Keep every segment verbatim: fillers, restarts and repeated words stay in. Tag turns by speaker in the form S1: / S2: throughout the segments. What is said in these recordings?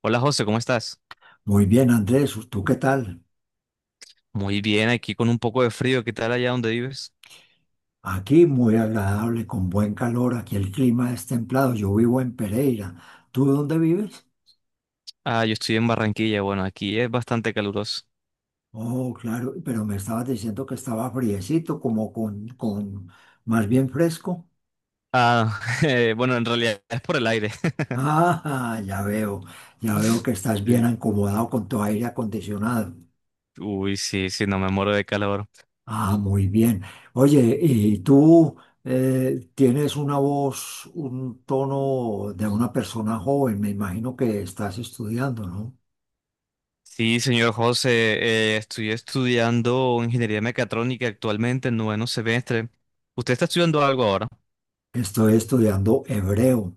S1: Hola José, ¿cómo estás?
S2: Muy bien, Andrés, ¿tú qué tal?
S1: Muy bien, aquí con un poco de frío. ¿Qué tal allá donde vives?
S2: Aquí muy agradable, con buen calor, aquí el clima es templado, yo vivo en Pereira. ¿Tú dónde vives?
S1: Ah, yo estoy en Barranquilla. Bueno, aquí es bastante caluroso.
S2: Oh, claro, pero me estabas diciendo que estaba friecito, como con, con más bien fresco.
S1: Ah, eh, bueno, en realidad es por el aire.
S2: Ah, ya veo, ya veo que estás bien
S1: Sí.
S2: acomodado con tu aire acondicionado.
S1: Uy, sí, sí, no me muero de calor.
S2: Ah, muy bien. Oye, ¿y tú eh, tienes una voz, un tono de una persona joven? Me imagino que estás estudiando, ¿no?
S1: Sí, señor José, eh, estoy estudiando ingeniería mecatrónica actualmente en noveno semestre. ¿Usted está estudiando algo ahora?
S2: Estoy estudiando hebreo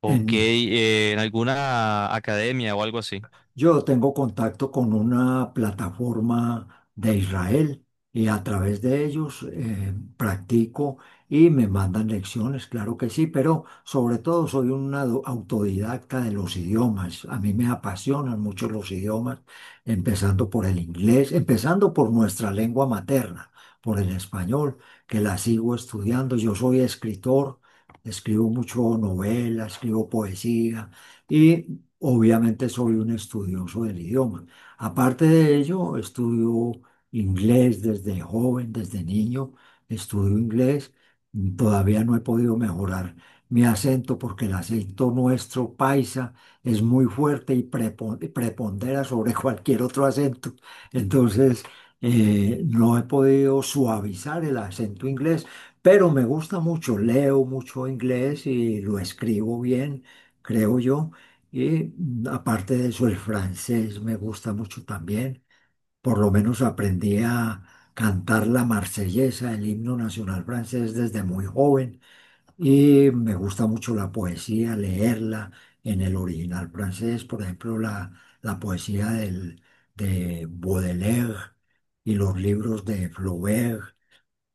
S1: Ok,
S2: en,
S1: eh, en alguna academia o algo así.
S2: yo tengo contacto con una plataforma de Israel y a través de ellos eh, practico y me mandan lecciones, claro que sí, pero sobre todo soy un ado- autodidacta de los idiomas. A mí me apasionan mucho los idiomas, empezando por el inglés, empezando por nuestra lengua materna, por el español, que la sigo estudiando. Yo soy escritor, escribo mucho novela, escribo poesía. Y obviamente soy un estudioso del idioma. Aparte de ello, estudio inglés desde joven, desde niño, estudio inglés. Todavía no he podido mejorar mi acento porque el acento nuestro paisa es muy fuerte y prepo- prepondera sobre cualquier otro acento. Entonces, eh, no he podido suavizar el acento inglés, pero me gusta mucho, leo mucho inglés y lo escribo bien, creo yo. Y aparte de eso, el francés me gusta mucho también. Por lo menos aprendí a cantar la marsellesa, el himno nacional francés, desde muy joven. Y me gusta mucho la poesía, leerla en el original francés. Por ejemplo, la, la poesía del, de Baudelaire y los libros de Flaubert.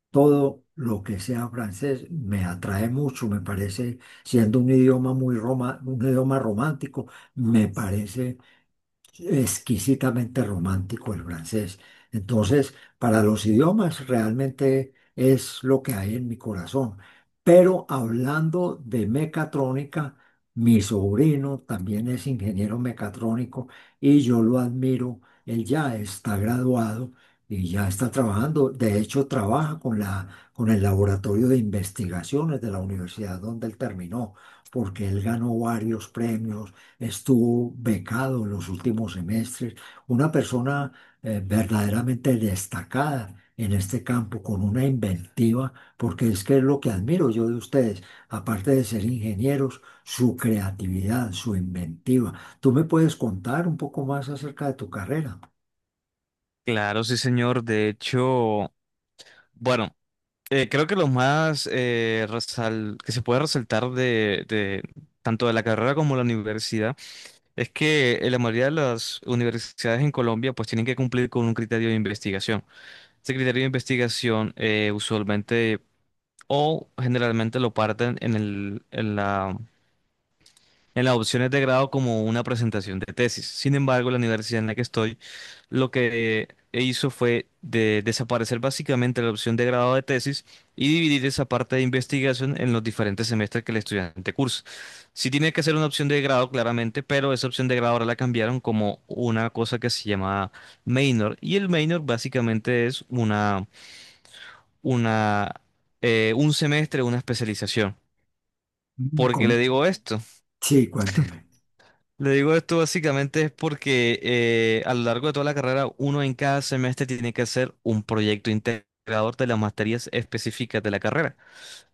S2: Todo lo que sea francés me atrae mucho, me parece, siendo un idioma muy roma, un idioma romántico, me parece exquisitamente romántico el francés. Entonces, para los idiomas realmente es lo que hay en mi corazón. Pero hablando de mecatrónica, mi sobrino también es ingeniero mecatrónico y yo lo admiro. Él ya está graduado y ya está trabajando. De hecho, trabaja con la, con el laboratorio de investigaciones de la universidad donde él terminó, porque él ganó varios premios, estuvo becado en los últimos semestres, una persona eh, verdaderamente destacada en este campo, con una inventiva, porque es que es lo que admiro yo de ustedes, aparte de ser ingenieros, su creatividad, su inventiva. ¿Tú me puedes contar un poco más acerca de tu carrera?
S1: Claro, sí, señor. De hecho, bueno. Eh, creo que lo más eh, resal- que se puede resaltar de, de tanto de la carrera como la universidad es que eh, la mayoría de las universidades en Colombia pues tienen que cumplir con un criterio de investigación. Ese criterio de investigación eh, usualmente o generalmente lo parten en el, en las opciones de grado como una presentación de tesis. Sin embargo, la universidad en la que estoy lo que eh, hizo fue de desaparecer básicamente la opción de grado de tesis y dividir esa parte de investigación en los diferentes semestres que el estudiante cursa. Sí tiene que ser una opción de grado, claramente, pero esa opción de grado ahora la cambiaron como una cosa que se llama minor. Y el minor básicamente es una, una, eh, un semestre, una especialización.
S2: Mm,
S1: ¿Por qué le
S2: con-
S1: digo esto?
S2: Sí, cuéntame.
S1: Le digo esto básicamente es porque eh, a lo largo de toda la carrera, uno en cada semestre tiene que hacer un proyecto integrador de las materias específicas de la carrera.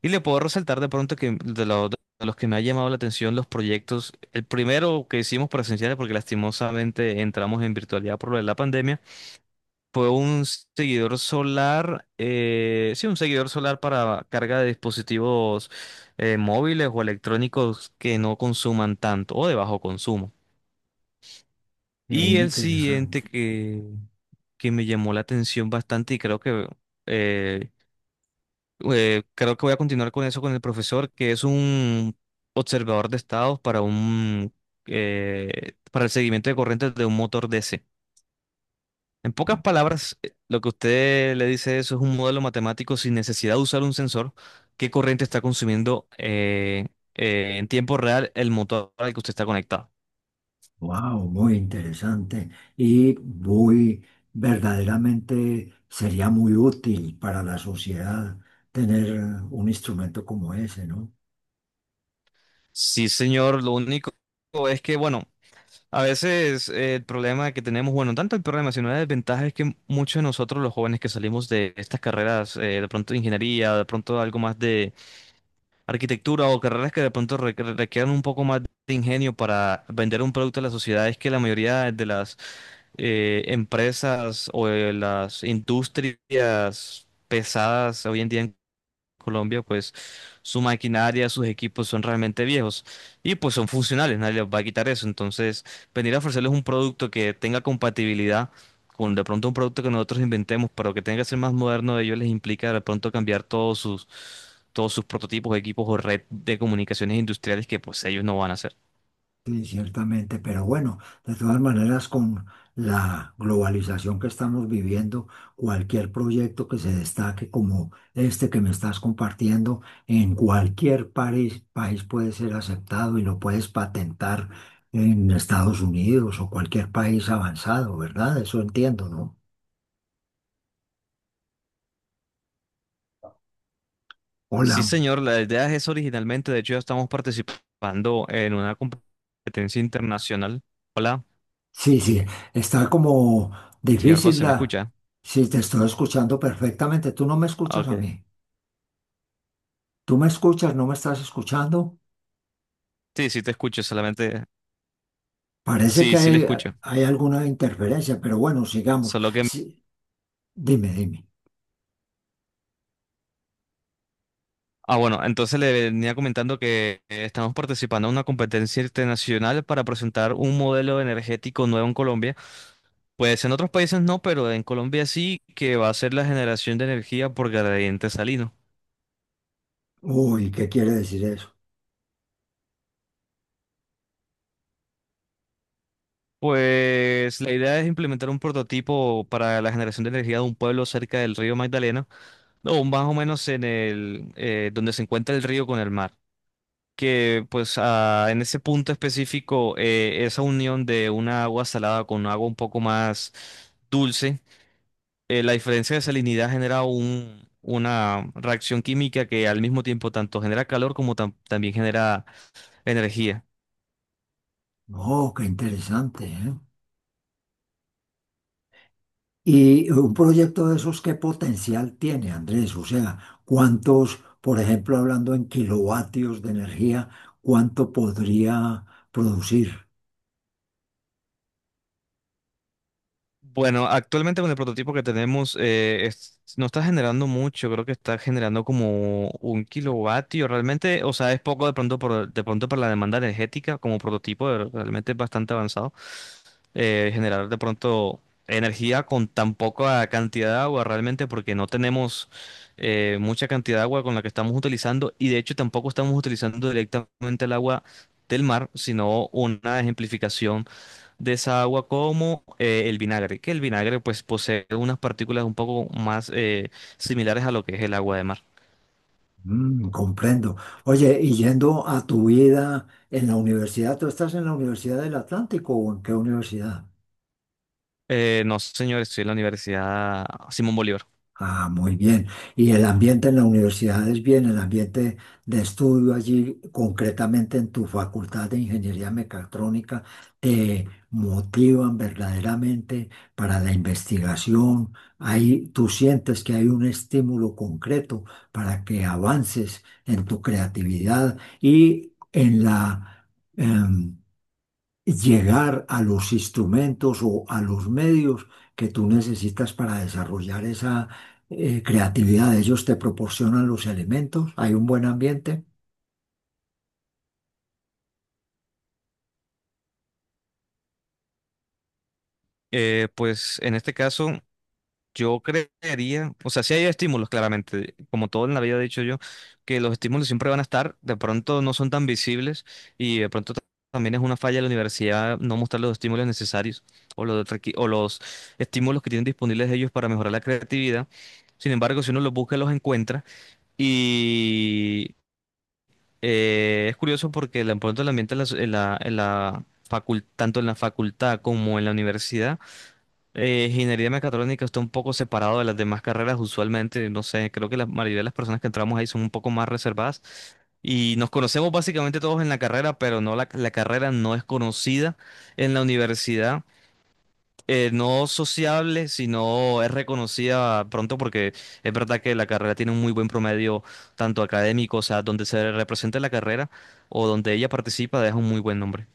S1: Y le puedo resaltar de pronto que de, lo- de los que me ha llamado la atención los proyectos, el primero que hicimos presenciales, porque lastimosamente entramos en virtualidad por lo de la pandemia, fue un seguidor solar, eh, sí, un seguidor solar para carga de dispositivos eh, móviles o electrónicos que no consuman tanto o de bajo consumo.
S2: Es
S1: Y el
S2: interesante.
S1: siguiente que, que me llamó la atención bastante y creo que eh, eh, creo que voy a continuar con eso con el profesor, que es un observador de estados para un eh, para el seguimiento de corrientes de un motor D C. En pocas palabras, eh, lo que usted le dice eso es un modelo matemático sin necesidad de usar un sensor, qué corriente está consumiendo eh, eh, en tiempo real el motor al que usted está conectado.
S2: Wow, muy interesante y muy verdaderamente sería muy útil para la sociedad tener un instrumento como ese, ¿no?
S1: Sí, señor, lo único es que, bueno, a veces eh, el problema que tenemos, bueno, tanto el problema, sino la desventaja es que muchos de nosotros, los jóvenes que salimos de estas carreras, eh, de pronto de ingeniería, de pronto algo más de arquitectura o carreras que de pronto re- re- requieran un poco más de ingenio para vender un producto a la sociedad, es que la mayoría de las eh, empresas o de las industrias pesadas hoy en día Colombia, pues su maquinaria, sus equipos son realmente viejos y pues son funcionales, nadie les va a quitar eso. Entonces, venir a ofrecerles un producto que tenga compatibilidad con de pronto un producto que nosotros inventemos, pero que tenga que ser más moderno de ellos, les implica de pronto cambiar todos sus, todos sus prototipos, equipos o red de comunicaciones industriales que pues ellos no van a hacer.
S2: Sí, ciertamente, pero bueno, de todas maneras, con la globalización que estamos viviendo, cualquier proyecto que se destaque como este que me estás compartiendo, en cualquier país, país puede ser aceptado y lo puedes patentar en Estados Unidos o cualquier país avanzado, ¿verdad? Eso entiendo, ¿no?
S1: Sí,
S2: Hola.
S1: señor, la idea es eso originalmente, de hecho ya estamos participando en una competencia internacional. Hola,
S2: Sí, sí, está como
S1: señor
S2: difícil
S1: José, ¿me
S2: la...
S1: escucha?
S2: Sí, te estoy escuchando perfectamente. Tú no me
S1: Ah,
S2: escuchas a
S1: ok.
S2: mí. Tú me escuchas, no me estás escuchando.
S1: Sí, sí te escucho, solamente.
S2: Parece
S1: Sí,
S2: que
S1: sí le
S2: hay,
S1: escucho.
S2: hay alguna interferencia, pero bueno, sigamos.
S1: Solo que...
S2: Sí, dime, dime.
S1: Ah, bueno, entonces le venía comentando que eh, estamos participando en una competencia internacional para presentar un modelo energético nuevo en Colombia. Pues en otros países no, pero en Colombia sí, que va a ser la generación de energía por gradiente salino.
S2: Uy, ¿qué quiere decir eso?
S1: Pues la idea es implementar un prototipo para la generación de energía de un pueblo cerca del río Magdalena, o más o menos en el eh, donde se encuentra el río con el mar. Que pues ah, en ese punto específico eh, esa unión de una agua salada con agua un poco más dulce, eh, la diferencia de salinidad genera un, una reacción química que al mismo tiempo tanto genera calor como tam- también genera energía.
S2: No, qué interesante, ¿eh? Y un proyecto de esos, ¿qué potencial tiene, Andrés? O sea, ¿cuántos, por ejemplo, hablando en kilovatios de energía, cuánto podría producir?
S1: Bueno, actualmente con el prototipo que tenemos eh, es- no está generando mucho, creo que está generando como un kilovatio realmente, o sea, es poco de pronto por, de pronto para la demanda energética como prototipo, eh, realmente es bastante avanzado eh, generar de pronto energía con tan poca cantidad de agua realmente porque no tenemos eh, mucha cantidad de agua con la que estamos utilizando y de hecho tampoco estamos utilizando directamente el agua del mar, sino una ejemplificación de esa agua como eh, el vinagre, que el vinagre pues posee unas partículas un poco más eh, similares a lo que es el agua de mar.
S2: Mm, comprendo. Oye, y yendo a tu vida en la universidad, ¿tú estás en la Universidad del Atlántico o en qué universidad?
S1: Eh, no, señor, estoy en la Universidad Simón Bolívar.
S2: Ah, muy bien. ¿Y el ambiente en la universidad es bien? ¿El ambiente de estudio allí, concretamente en tu facultad de ingeniería mecatrónica, te motivan verdaderamente para la investigación? Ahí tú sientes que hay un estímulo concreto para que avances en tu creatividad y en la, em, llegar a los instrumentos o a los medios que tú necesitas para desarrollar esa eh, creatividad. Ellos te proporcionan los elementos, hay un buen ambiente.
S1: Eh, pues en este caso yo creería, o sea, sí hay estímulos, claramente, como todo en la vida he dicho yo, que los estímulos siempre van a estar, de pronto no son tan visibles y de pronto ta- también es una falla de la universidad no mostrar los estímulos necesarios o los, requi- o los estímulos que tienen disponibles ellos para mejorar la creatividad. Sin embargo, si uno los busca, los encuentra y eh, es curioso porque de pronto el ambiente en la, en la, en la facul- tanto en la facultad como en la universidad, eh, ingeniería mecatrónica está un poco separado de las demás carreras usualmente, no sé, creo que la mayoría de las personas que entramos ahí son un poco más reservadas y nos conocemos básicamente todos en la carrera, pero no la, la carrera no es conocida en la universidad, eh, no sociable, sino es reconocida pronto porque es verdad que la carrera tiene un muy buen promedio tanto académico, o sea, donde se representa la carrera o donde ella participa, deja un muy buen nombre.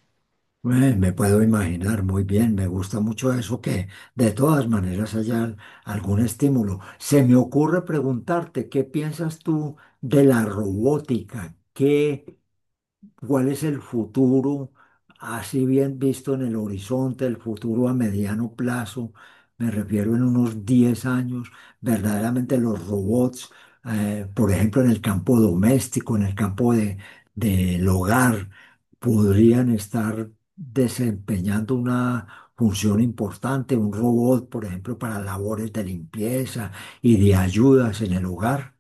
S2: Eh, me puedo imaginar muy bien, me gusta mucho eso que de todas maneras haya algún estímulo. Se me ocurre preguntarte, ¿qué piensas tú de la robótica? ¿Qué cuál es el futuro, así bien visto en el horizonte, el futuro a mediano plazo, me refiero en unos diez años, verdaderamente los robots, eh, por ejemplo, en el campo doméstico, en el campo de, del hogar, podrían estar desempeñando una función importante, un robot, por ejemplo, para labores de limpieza y de ayudas en el hogar.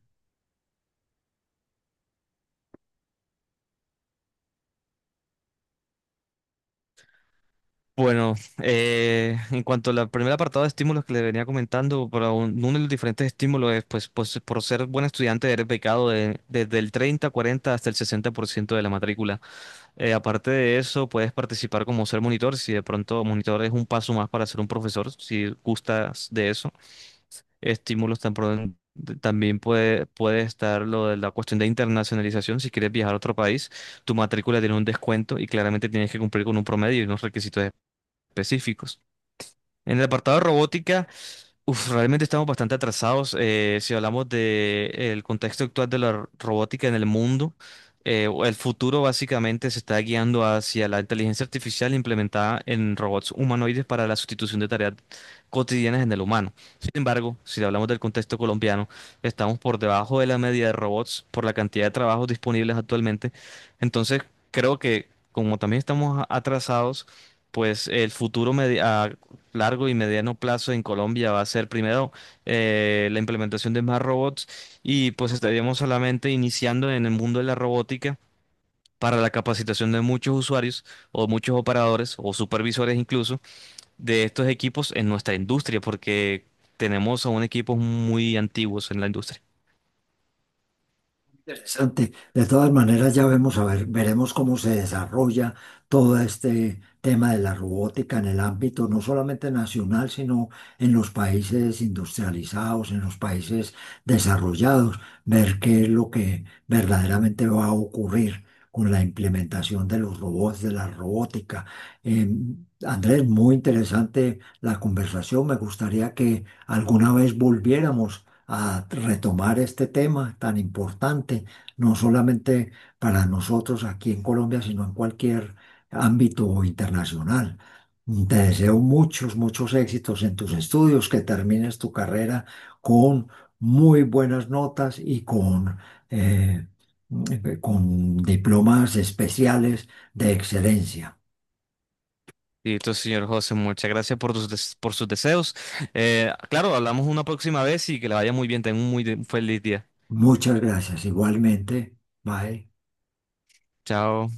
S1: Bueno, eh, en cuanto al primer apartado de estímulos que le venía comentando, para un- uno de los diferentes estímulos es, pues, pues, por ser buen estudiante eres becado de- desde el treinta, cuarenta hasta el sesenta por ciento de la matrícula. Eh, aparte de eso, puedes participar como ser monitor, si de pronto monitor es un paso más para ser un profesor, si gustas de eso. Estímulos tan pro- también puede, puede estar lo de la cuestión de internacionalización, si quieres viajar a otro país, tu matrícula tiene un descuento y claramente tienes que cumplir con un promedio y unos requisitos específicos. En el apartado de robótica, uf, realmente estamos bastante atrasados. eh, si hablamos de el contexto actual de la robótica en el mundo, eh, o el futuro básicamente se está guiando hacia la inteligencia artificial implementada en robots humanoides para la sustitución de tareas cotidianas en el humano. Sin embargo, si hablamos del contexto colombiano, estamos por debajo de la media de robots por la cantidad de trabajos disponibles actualmente. Entonces, creo que como también estamos a- atrasados, pues el futuro medi- a largo y mediano plazo en Colombia va a ser primero eh, la implementación de más robots y pues estaríamos solamente iniciando en el mundo de la robótica para la capacitación de muchos usuarios o muchos operadores o supervisores incluso de estos equipos en nuestra industria porque tenemos aún equipos muy antiguos en la industria.
S2: Interesante. De todas maneras, ya vemos, a ver, veremos cómo se desarrolla todo este tema de la robótica en el ámbito no solamente nacional, sino en los países industrializados, en los países desarrollados, ver qué es lo que verdaderamente va a ocurrir con la implementación de los robots, de la robótica. Eh, Andrés, muy interesante la conversación. Me gustaría que alguna vez volviéramos a retomar este tema tan importante no solamente para nosotros aquí en Colombia, sino en cualquier ámbito internacional. Te deseo muchos, muchos éxitos en tus estudios, que termines tu carrera con muy buenas notas y con, eh, eh, con diplomas especiales de excelencia.
S1: Y entonces, señor José, muchas gracias por tus des- por sus deseos. Eh, claro, hablamos una próxima vez y que le vaya muy bien. Tenga un muy de- feliz día.
S2: Muchas gracias. Igualmente, bye.
S1: Chao.